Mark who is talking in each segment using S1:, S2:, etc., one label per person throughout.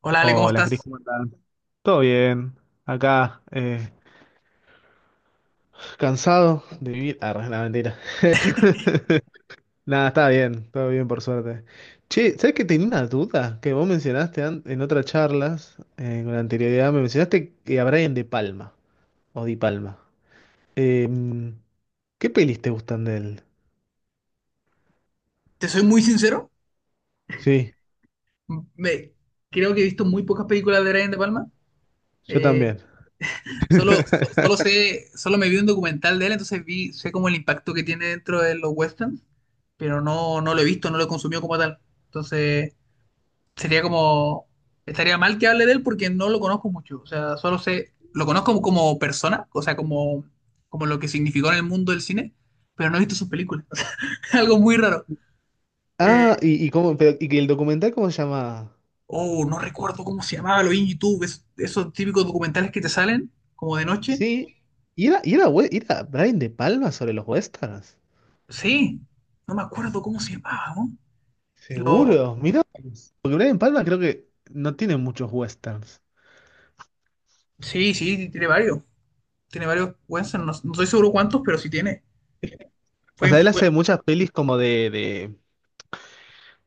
S1: Hola Ale, ¿cómo
S2: Hola, Cris,
S1: estás?
S2: ¿cómo andás? Todo bien. Acá, cansado de vivir. Ah, la mentira. Nada, está bien, todo bien por suerte. Che, ¿sabes que tenía una duda? Que vos mencionaste en otras charlas, con anterioridad, me mencionaste que a Brian De Palma, o Di Palma. Eh, ¿Qué pelis te gustan de él?
S1: Te soy muy sincero,
S2: Sí,
S1: me, creo que he visto muy pocas películas de Brian De Palma.
S2: yo
S1: Eh,
S2: también.
S1: solo, so- solo sé, solo me vi un documental de él, entonces vi, sé como el impacto que tiene dentro de los westerns, pero no lo he visto, no lo he consumido como tal. Entonces, sería como, estaría mal que hable de él porque no lo conozco mucho. O sea, solo sé, lo conozco como persona, o sea, como, como lo que significó en el mundo del cine, pero no he visto sus películas. Algo muy raro. Eh,
S2: Ah, y cómo, pero, y que el documental, ¿cómo se llama?
S1: Oh, no recuerdo cómo se llamaba, lo vi en YouTube, esos típicos documentales que te salen como de noche.
S2: Sí, era Brian De Palma sobre los westerns.
S1: Sí, no me acuerdo cómo se llamaba, ¿no? Te lo-
S2: Seguro, mira, porque Brian Palma creo que no tiene muchos westerns.
S1: Sí, sí, tiene varios. Tiene varios Wensen, no estoy seguro cuántos, pero sí tiene.
S2: O
S1: Fue,
S2: sea, él
S1: fue-
S2: hace muchas pelis como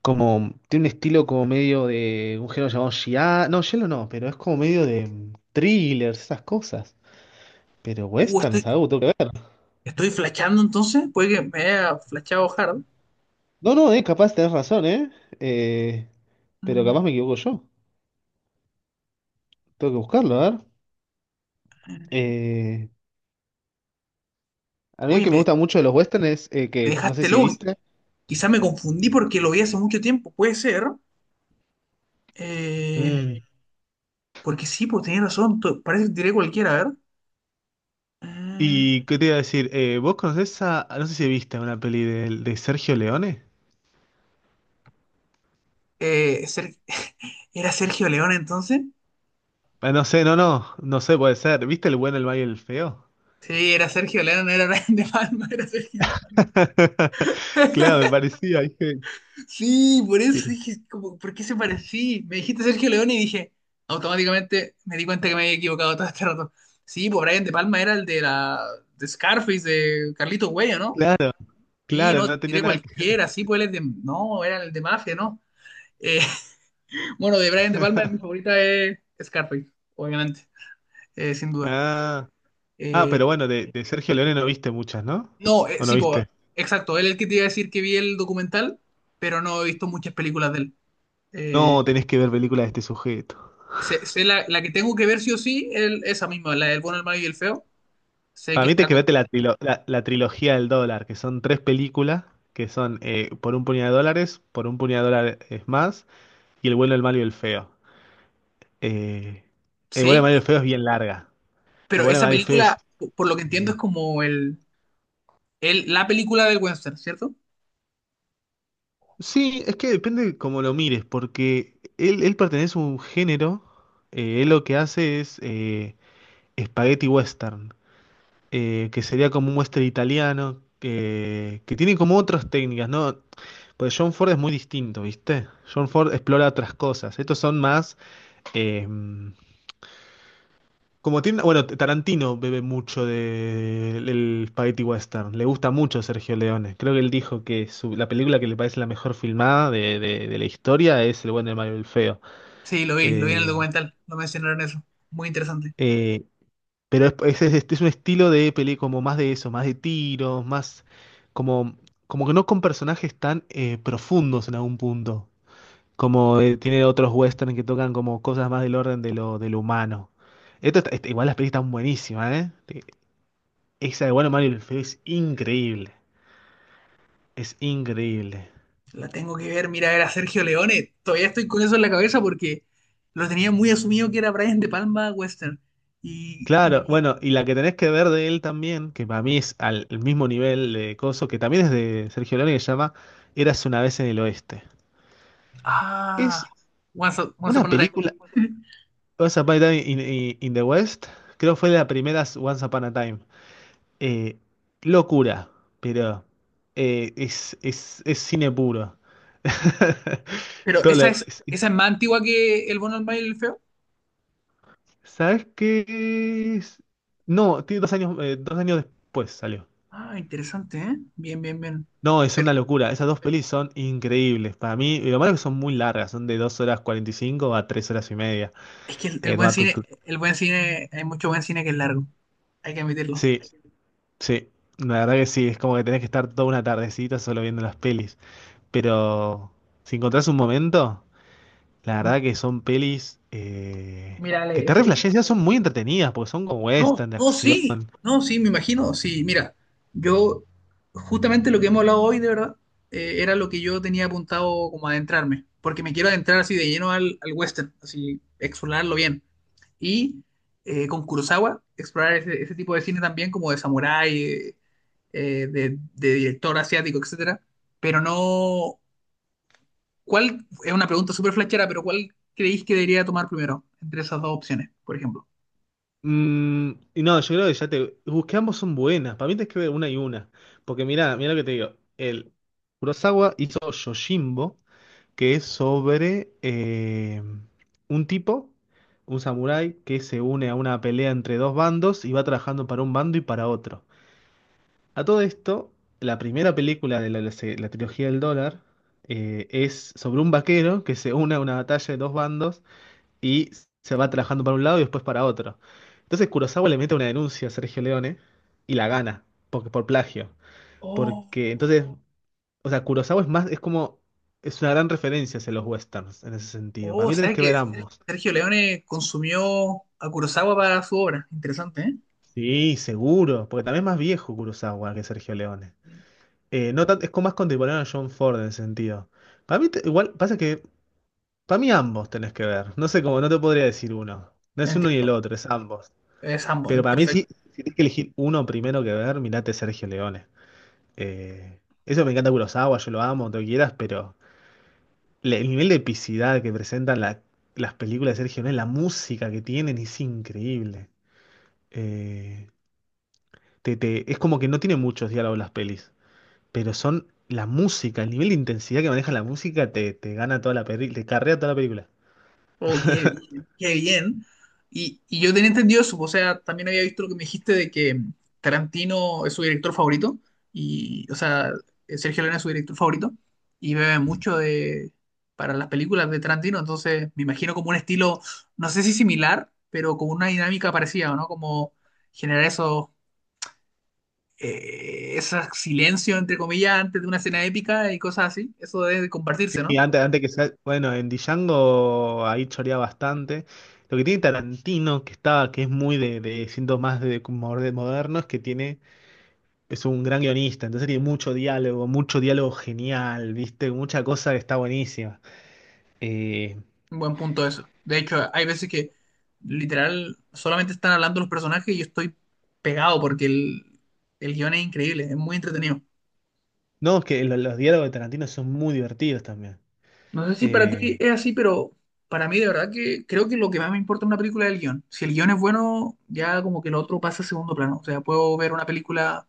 S2: como tiene un estilo como medio de un género llamado Giallo no, pero es como medio de thrillers, esas cosas. Pero
S1: Uh,
S2: westerns,
S1: estoy,
S2: algo tengo que ver.
S1: estoy flashando entonces, puede que me haya flashado hard.
S2: No, no, capaz tenés razón, eh. Eh, pero capaz
S1: Mm,
S2: me equivoco yo. Tengo que buscarlo, a ver. Eh, a mí el
S1: Oye,
S2: que me gusta mucho de los westerns es
S1: me
S2: que no sé
S1: dejaste
S2: si
S1: loco.
S2: viste.
S1: Quizás me confundí porque lo vi hace mucho tiempo, puede ser. Eh,
S2: Mm.
S1: porque sí, pues tenía razón, parece que tiré cualquiera, a ver. Mm,
S2: Y qué te iba a decir, ¿vos conocés a, no sé si viste una peli de Sergio Leone?
S1: Eh, ¿Era Sergio León entonces?
S2: Ah, no sé, no, no, no sé, puede ser. ¿Viste El bueno, el malo y el feo?
S1: Sí, era Sergio León, era Brian De Palma, era Sergio León.
S2: Claro, me parecía, dije,
S1: Sí, por eso
S2: pero
S1: dije, como, ¿por qué se parecía? Me dijiste Sergio León y dije, automáticamente me di cuenta que me había equivocado todo este rato. Sí, pues Brian De Palma era el de la de Scarface, de Carlitos Güey, ¿o no?
S2: claro,
S1: Sí,
S2: claro,
S1: no,
S2: no tenía
S1: tiré
S2: nada que...
S1: cualquiera, sí, pues él es de, no, era el de Mafia, ¿no? Eh, bueno, de Brian De Palma, mi favorita es Scarface, obviamente, sin duda.
S2: Ah, ah,
S1: Eh,
S2: pero bueno, de Sergio Leone no viste muchas, ¿no?
S1: No,
S2: ¿O no
S1: sí, po,
S2: viste?
S1: exacto. Él es el que te iba a decir que vi el documental, pero no he visto muchas películas de él. Eh,
S2: No, tenés que ver películas de este sujeto.
S1: sé la, la que tengo que ver sí o sí, esa misma, la del bueno, el malo y el feo. Sé
S2: Para
S1: que
S2: mí te
S1: está con...
S2: quedaste la trilogía del dólar, que son tres películas, que son Por un puñado de dólares, Por un puñado de dólares más, y El bueno, el malo y el feo. Eh, Buena
S1: Sí,
S2: María Feo es bien larga. Pero
S1: pero
S2: Buena
S1: esa
S2: María del Feo es.
S1: película, por lo que entiendo,
S2: eh,
S1: es como el, la película del western, ¿cierto?
S2: Sí, es que depende cómo lo mires, porque él pertenece a un género. Él lo que hace es spaghetti western, que sería como un western italiano, que tiene como otras técnicas, ¿no? Pues John Ford es muy distinto, ¿viste? John Ford explora otras cosas. Estos son más. eh, Como tiene, bueno, Tarantino bebe mucho del Spaghetti Western. Le gusta mucho Sergio Leone. Creo que él dijo que la película que le parece la mejor filmada de la historia es El bueno, el malo y el feo.
S1: Sí, lo vi en el
S2: Eh,
S1: documental, lo mencionaron eso. Muy interesante.
S2: eh, pero es, es un estilo de peli como más de eso, más de tiros, más como, como que no con personajes tan profundos en algún punto. Como tiene otros western que tocan como cosas más del orden de de lo humano. Igual las pelis están buenísimas, ¿eh? Esa de Bueno, Mario y el Feo es increíble. Es increíble.
S1: La tengo que ver, mira, era Sergio Leone. Todavía estoy con eso en la cabeza porque lo tenía muy asumido que era Brian De Palma western. Y me,
S2: Claro, bueno, y la que tenés que ver de él también, que para mí es al el mismo nivel de coso, que también es de Sergio Leone, que se llama Érase una vez en el Oeste. Es
S1: Ah, Once, Once
S2: una
S1: Upon a Time.
S2: película, Once Upon a Time in the West, creo fue de las primeras Once Upon a Time. Eh, locura, pero es cine puro.
S1: Pero
S2: Todo lo-
S1: esa es más antigua que El bueno, el malo y el feo.
S2: ¿Sabes qué es? No, tiene 2 años, 2 años después salió.
S1: Ah, interesante, ¿eh? Bien, bien, bien.
S2: No, es
S1: Pero
S2: una locura. Esas dos pelis son increíbles. Para mí, y lo malo es que son muy largas, son de 2 horas 45 a 3 horas y media.
S1: es que
S2: Te tomar tu, tu-
S1: el buen cine, hay mucho buen cine que es largo. Hay que admitirlo.
S2: Sí, sí. La verdad que sí, es como que tenés que estar toda una tardecita solo viendo las pelis. Pero si encontrás un momento, la
S1: M-
S2: verdad que son pelis
S1: Mira,
S2: que
S1: Ale,
S2: te reflejas, son muy entretenidas, porque son como
S1: No,
S2: western de
S1: no,
S2: acción.
S1: sí, no, sí, me imagino, sí, mira, yo justamente lo que hemos hablado hoy, de verdad, era lo que yo tenía apuntado como adentrarme, porque me quiero adentrar así de lleno al, al western, así, explorarlo bien. Y con Kurosawa, explorar ese, ese tipo de cine también, como de samurái, de director asiático, etcétera. Pero no, ¿cuál? Es una pregunta súper flashera, pero ¿cuál creéis que debería tomar primero entre esas dos opciones, por ejemplo?
S2: Y no, yo creo que ya te. Busqué ambos son buenas. Para mí tienes que ver una y una. Porque mirá, mirá lo que te digo. El Kurosawa hizo Yojimbo, que es sobre un tipo, un samurái, que se une a una pelea entre dos bandos y va trabajando para un bando y para otro. A todo esto, la primera película de la trilogía del dólar es sobre un vaquero que se une a una batalla de dos bandos y se va trabajando para un lado y después para otro. Entonces Kurosawa le mete una denuncia a Sergio Leone y la gana porque, por plagio.
S1: Oh.
S2: Porque entonces, o sea, Kurosawa es más, es como, es una gran referencia hacia los westerns en ese sentido.
S1: Oh,
S2: Para
S1: o
S2: mí tenés
S1: sea
S2: que ver
S1: que
S2: ambos.
S1: Sergio Leone consumió a Kurosawa para su obra. Interesante, ¿eh?
S2: Sí, seguro, porque también es más viejo Kurosawa que Sergio Leone.
S1: Sí.
S2: No tan- es como más contemporáneo a John Ford en ese sentido. Para mí, igual, pasa que, para mí ambos tenés que ver. No sé cómo, no te podría decir uno. No es uno ni el
S1: Entiendo.
S2: otro, es ambos.
S1: Es ambos,
S2: Pero para mí, sí,
S1: perfecto.
S2: si tienes que elegir uno primero que ver, mirate Sergio Leone. Eh, eso me encanta Kurosawa, yo lo amo, todo lo que quieras, pero el nivel de epicidad que presentan las películas de Sergio Leone, la música que tienen es increíble. Eh, es como que no tiene muchos diálogos las pelis, pero son la música, el nivel de intensidad que maneja la música te gana toda la película, te carrea toda la película.
S1: Oh, qué bien, qué bien. Y yo tenía entendido eso, o sea, también había visto lo que me dijiste de que Tarantino es su director favorito, y, o sea, Sergio Leone es su director favorito, y bebe mucho de, para las películas de Tarantino, entonces me imagino como un estilo, no sé si similar, pero como una dinámica parecida, ¿no? Como generar esos ese silencio, entre comillas, antes de una escena épica y cosas así, eso debe compartirse, ¿no?
S2: Sí, antes que sea, bueno, en Django ahí chorea bastante. Lo que tiene Tarantino, que está, que es muy de siento más de, como de moderno, es que tiene, es un gran guionista, entonces tiene mucho diálogo genial, ¿viste? Mucha cosa que está buenísima. Eh,
S1: Un buen punto eso. De hecho, hay veces que literal solamente están hablando los personajes y yo estoy pegado porque el guión es increíble, es muy entretenido.
S2: no, es que los diálogos de Tarantino son muy divertidos también.
S1: No sé si para ti
S2: Eh,
S1: es así, pero para mí de verdad que creo que lo que más me importa en una película es el guión. Si el guión es bueno, ya como que lo otro pasa a segundo plano. O sea, puedo ver una película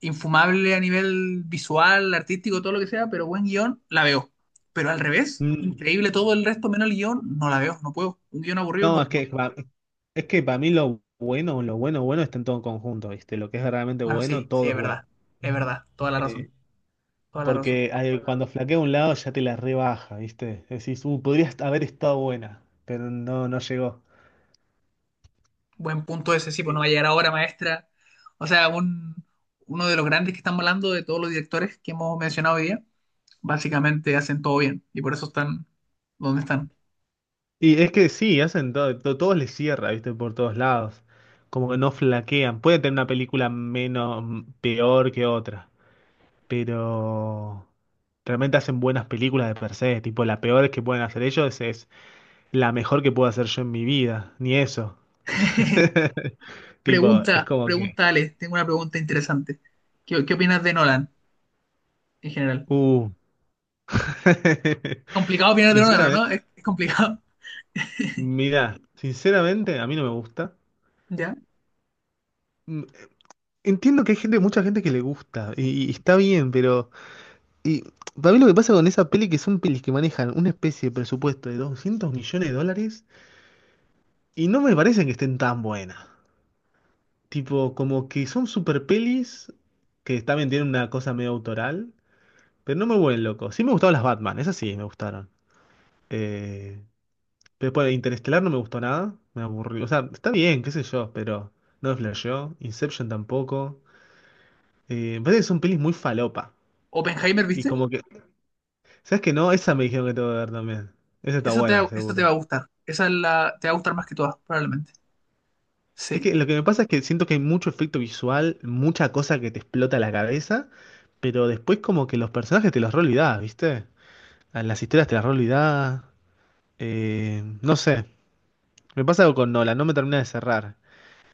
S1: infumable a nivel visual, artístico, todo lo que sea, pero buen guión, la veo. Pero al revés,
S2: mm,
S1: increíble todo el resto, menos el guión, no la veo, no puedo. Un guión aburrido,
S2: no, es
S1: no.
S2: que es que para mí lo bueno, bueno está en todo conjunto, ¿viste? Lo que es realmente
S1: Bueno,
S2: bueno,
S1: sí, sí,
S2: todo es bueno.
S1: es verdad, toda la razón,
S2: Eh,
S1: toda la razón.
S2: porque ay, cuando flaquea un lado ya te la rebaja, ¿viste? Decís, podrías haber estado buena, pero no, no llegó.
S1: Buen punto ese, sí, pues
S2: Y,
S1: no va a llegar ahora, maestra. O sea, un, uno de los grandes que están hablando de todos los directores que hemos mencionado hoy día, básicamente hacen todo bien y por eso están donde están.
S2: y es que sí, hacen todo, todos les cierra, ¿viste? Por todos lados. Como que no flaquean. Puede tener una película menos, peor que otra, pero realmente hacen buenas películas de per se. Tipo, la peor que pueden hacer ellos es la mejor que puedo hacer yo en mi vida, ni eso. Tipo, es
S1: Pregunta,
S2: como que,
S1: pregunta, Ale, tengo una pregunta interesante. ¿Qué, qué opinas de Nolan en general?
S2: uh.
S1: Complicado opinar de Nolan, ¿o no?
S2: Sinceramente.
S1: Es complicado.
S2: Mira, sinceramente a mí no me gusta.
S1: ¿Ya?
S2: Mm, Entiendo que hay gente, mucha gente que le gusta y está bien, pero y para mí lo que pasa con esa peli que son pelis que manejan una especie de presupuesto de $200 millones y no me parecen que estén tan buenas. Tipo, como que son super pelis que también tienen una cosa medio autoral, pero no me vuelven loco. Sí me gustaron las Batman, esas sí me gustaron. Eh, pero después de Interestelar no me gustó nada, me aburrió. O sea, está bien, qué sé yo, pero no me flasheó. Inception tampoco. Me parece que son pelis muy falopa.
S1: Oppenheimer,
S2: Y
S1: ¿viste?
S2: como que, ¿sabes qué? No, esa me dijeron que tengo que ver también. Esa está
S1: Eso te,
S2: buena,
S1: eso te va
S2: seguro.
S1: a gustar. Esa es la, te va a gustar más que todas, probablemente.
S2: Es
S1: Sí.
S2: que lo que me pasa es que siento que hay mucho efecto visual, mucha cosa que te explota la cabeza, pero después como que los personajes te los re olvidás, ¿viste? A Las historias te las re olvidás. No sé, me pasa algo con Nolan, no me termina de cerrar.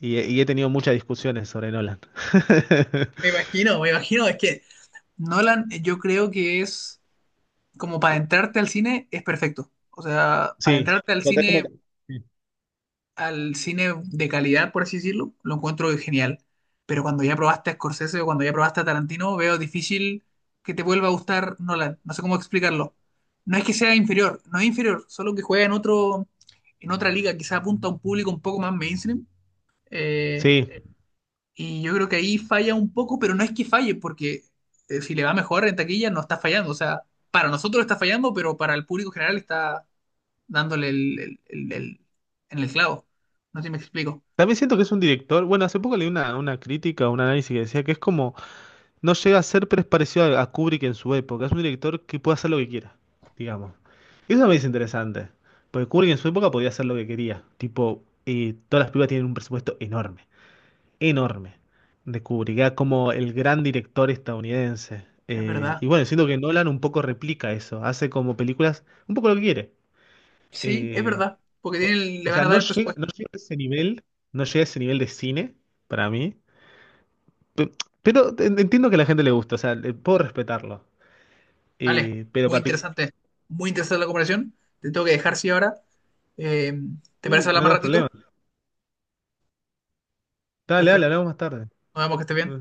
S2: Y, he tenido muchas discusiones sobre Nolan.
S1: Me imagino, me imagino. Es que Nolan, yo creo que es como para entrarte al cine, es perfecto. O sea, para
S2: Sí.
S1: entrarte
S2: Notás como-
S1: al cine de calidad, por así decirlo, lo encuentro genial. Pero cuando ya probaste a Scorsese o cuando ya probaste a Tarantino, veo difícil que te vuelva a gustar Nolan. No sé cómo explicarlo. No es que sea inferior, no es inferior, solo que juega en otro, en otra liga, quizá apunta a un público un poco más mainstream. eh,
S2: Sí,
S1: y yo creo que ahí falla un poco, pero no es que falle, porque si le va mejor en taquilla, no está fallando. O sea, para nosotros está fallando, pero para el público general está dándole el, en el clavo. No sé si me explico.
S2: también siento que es un director, bueno, hace poco leí una crítica, un análisis que decía que es como, no llega a ser, pero es parecido a Kubrick en su época, es un director que puede hacer lo que quiera, digamos. Y eso me es interesante, porque Kubrick en su época podía hacer lo que quería, tipo, todas las películas tienen un presupuesto enorme, enorme, de Kubrick, era como el gran director estadounidense.
S1: Es
S2: Y
S1: verdad.
S2: bueno, siento que Nolan un poco replica eso, hace como películas, un poco lo que quiere.
S1: Sí, es
S2: Eh,
S1: verdad. Porque le
S2: o
S1: van
S2: sea,
S1: a dar el
S2: no
S1: presupuesto.
S2: llega a ese nivel, no llega a ese nivel de cine para mí. Pe- Pero, entiendo que a la gente le gusta, o sea, puedo respetarlo.
S1: Vale,
S2: Pero
S1: muy
S2: particu-
S1: interesante. Muy interesante la comparación. Te tengo que dejar, sí, ahora. Eh, ¿Te
S2: sí,
S1: parece
S2: no
S1: hablar
S2: te
S1: más
S2: das problema.
S1: ratito?
S2: Dale, dale,
S1: Perfecto.
S2: hablamos más tarde.
S1: Nos vemos que esté bien.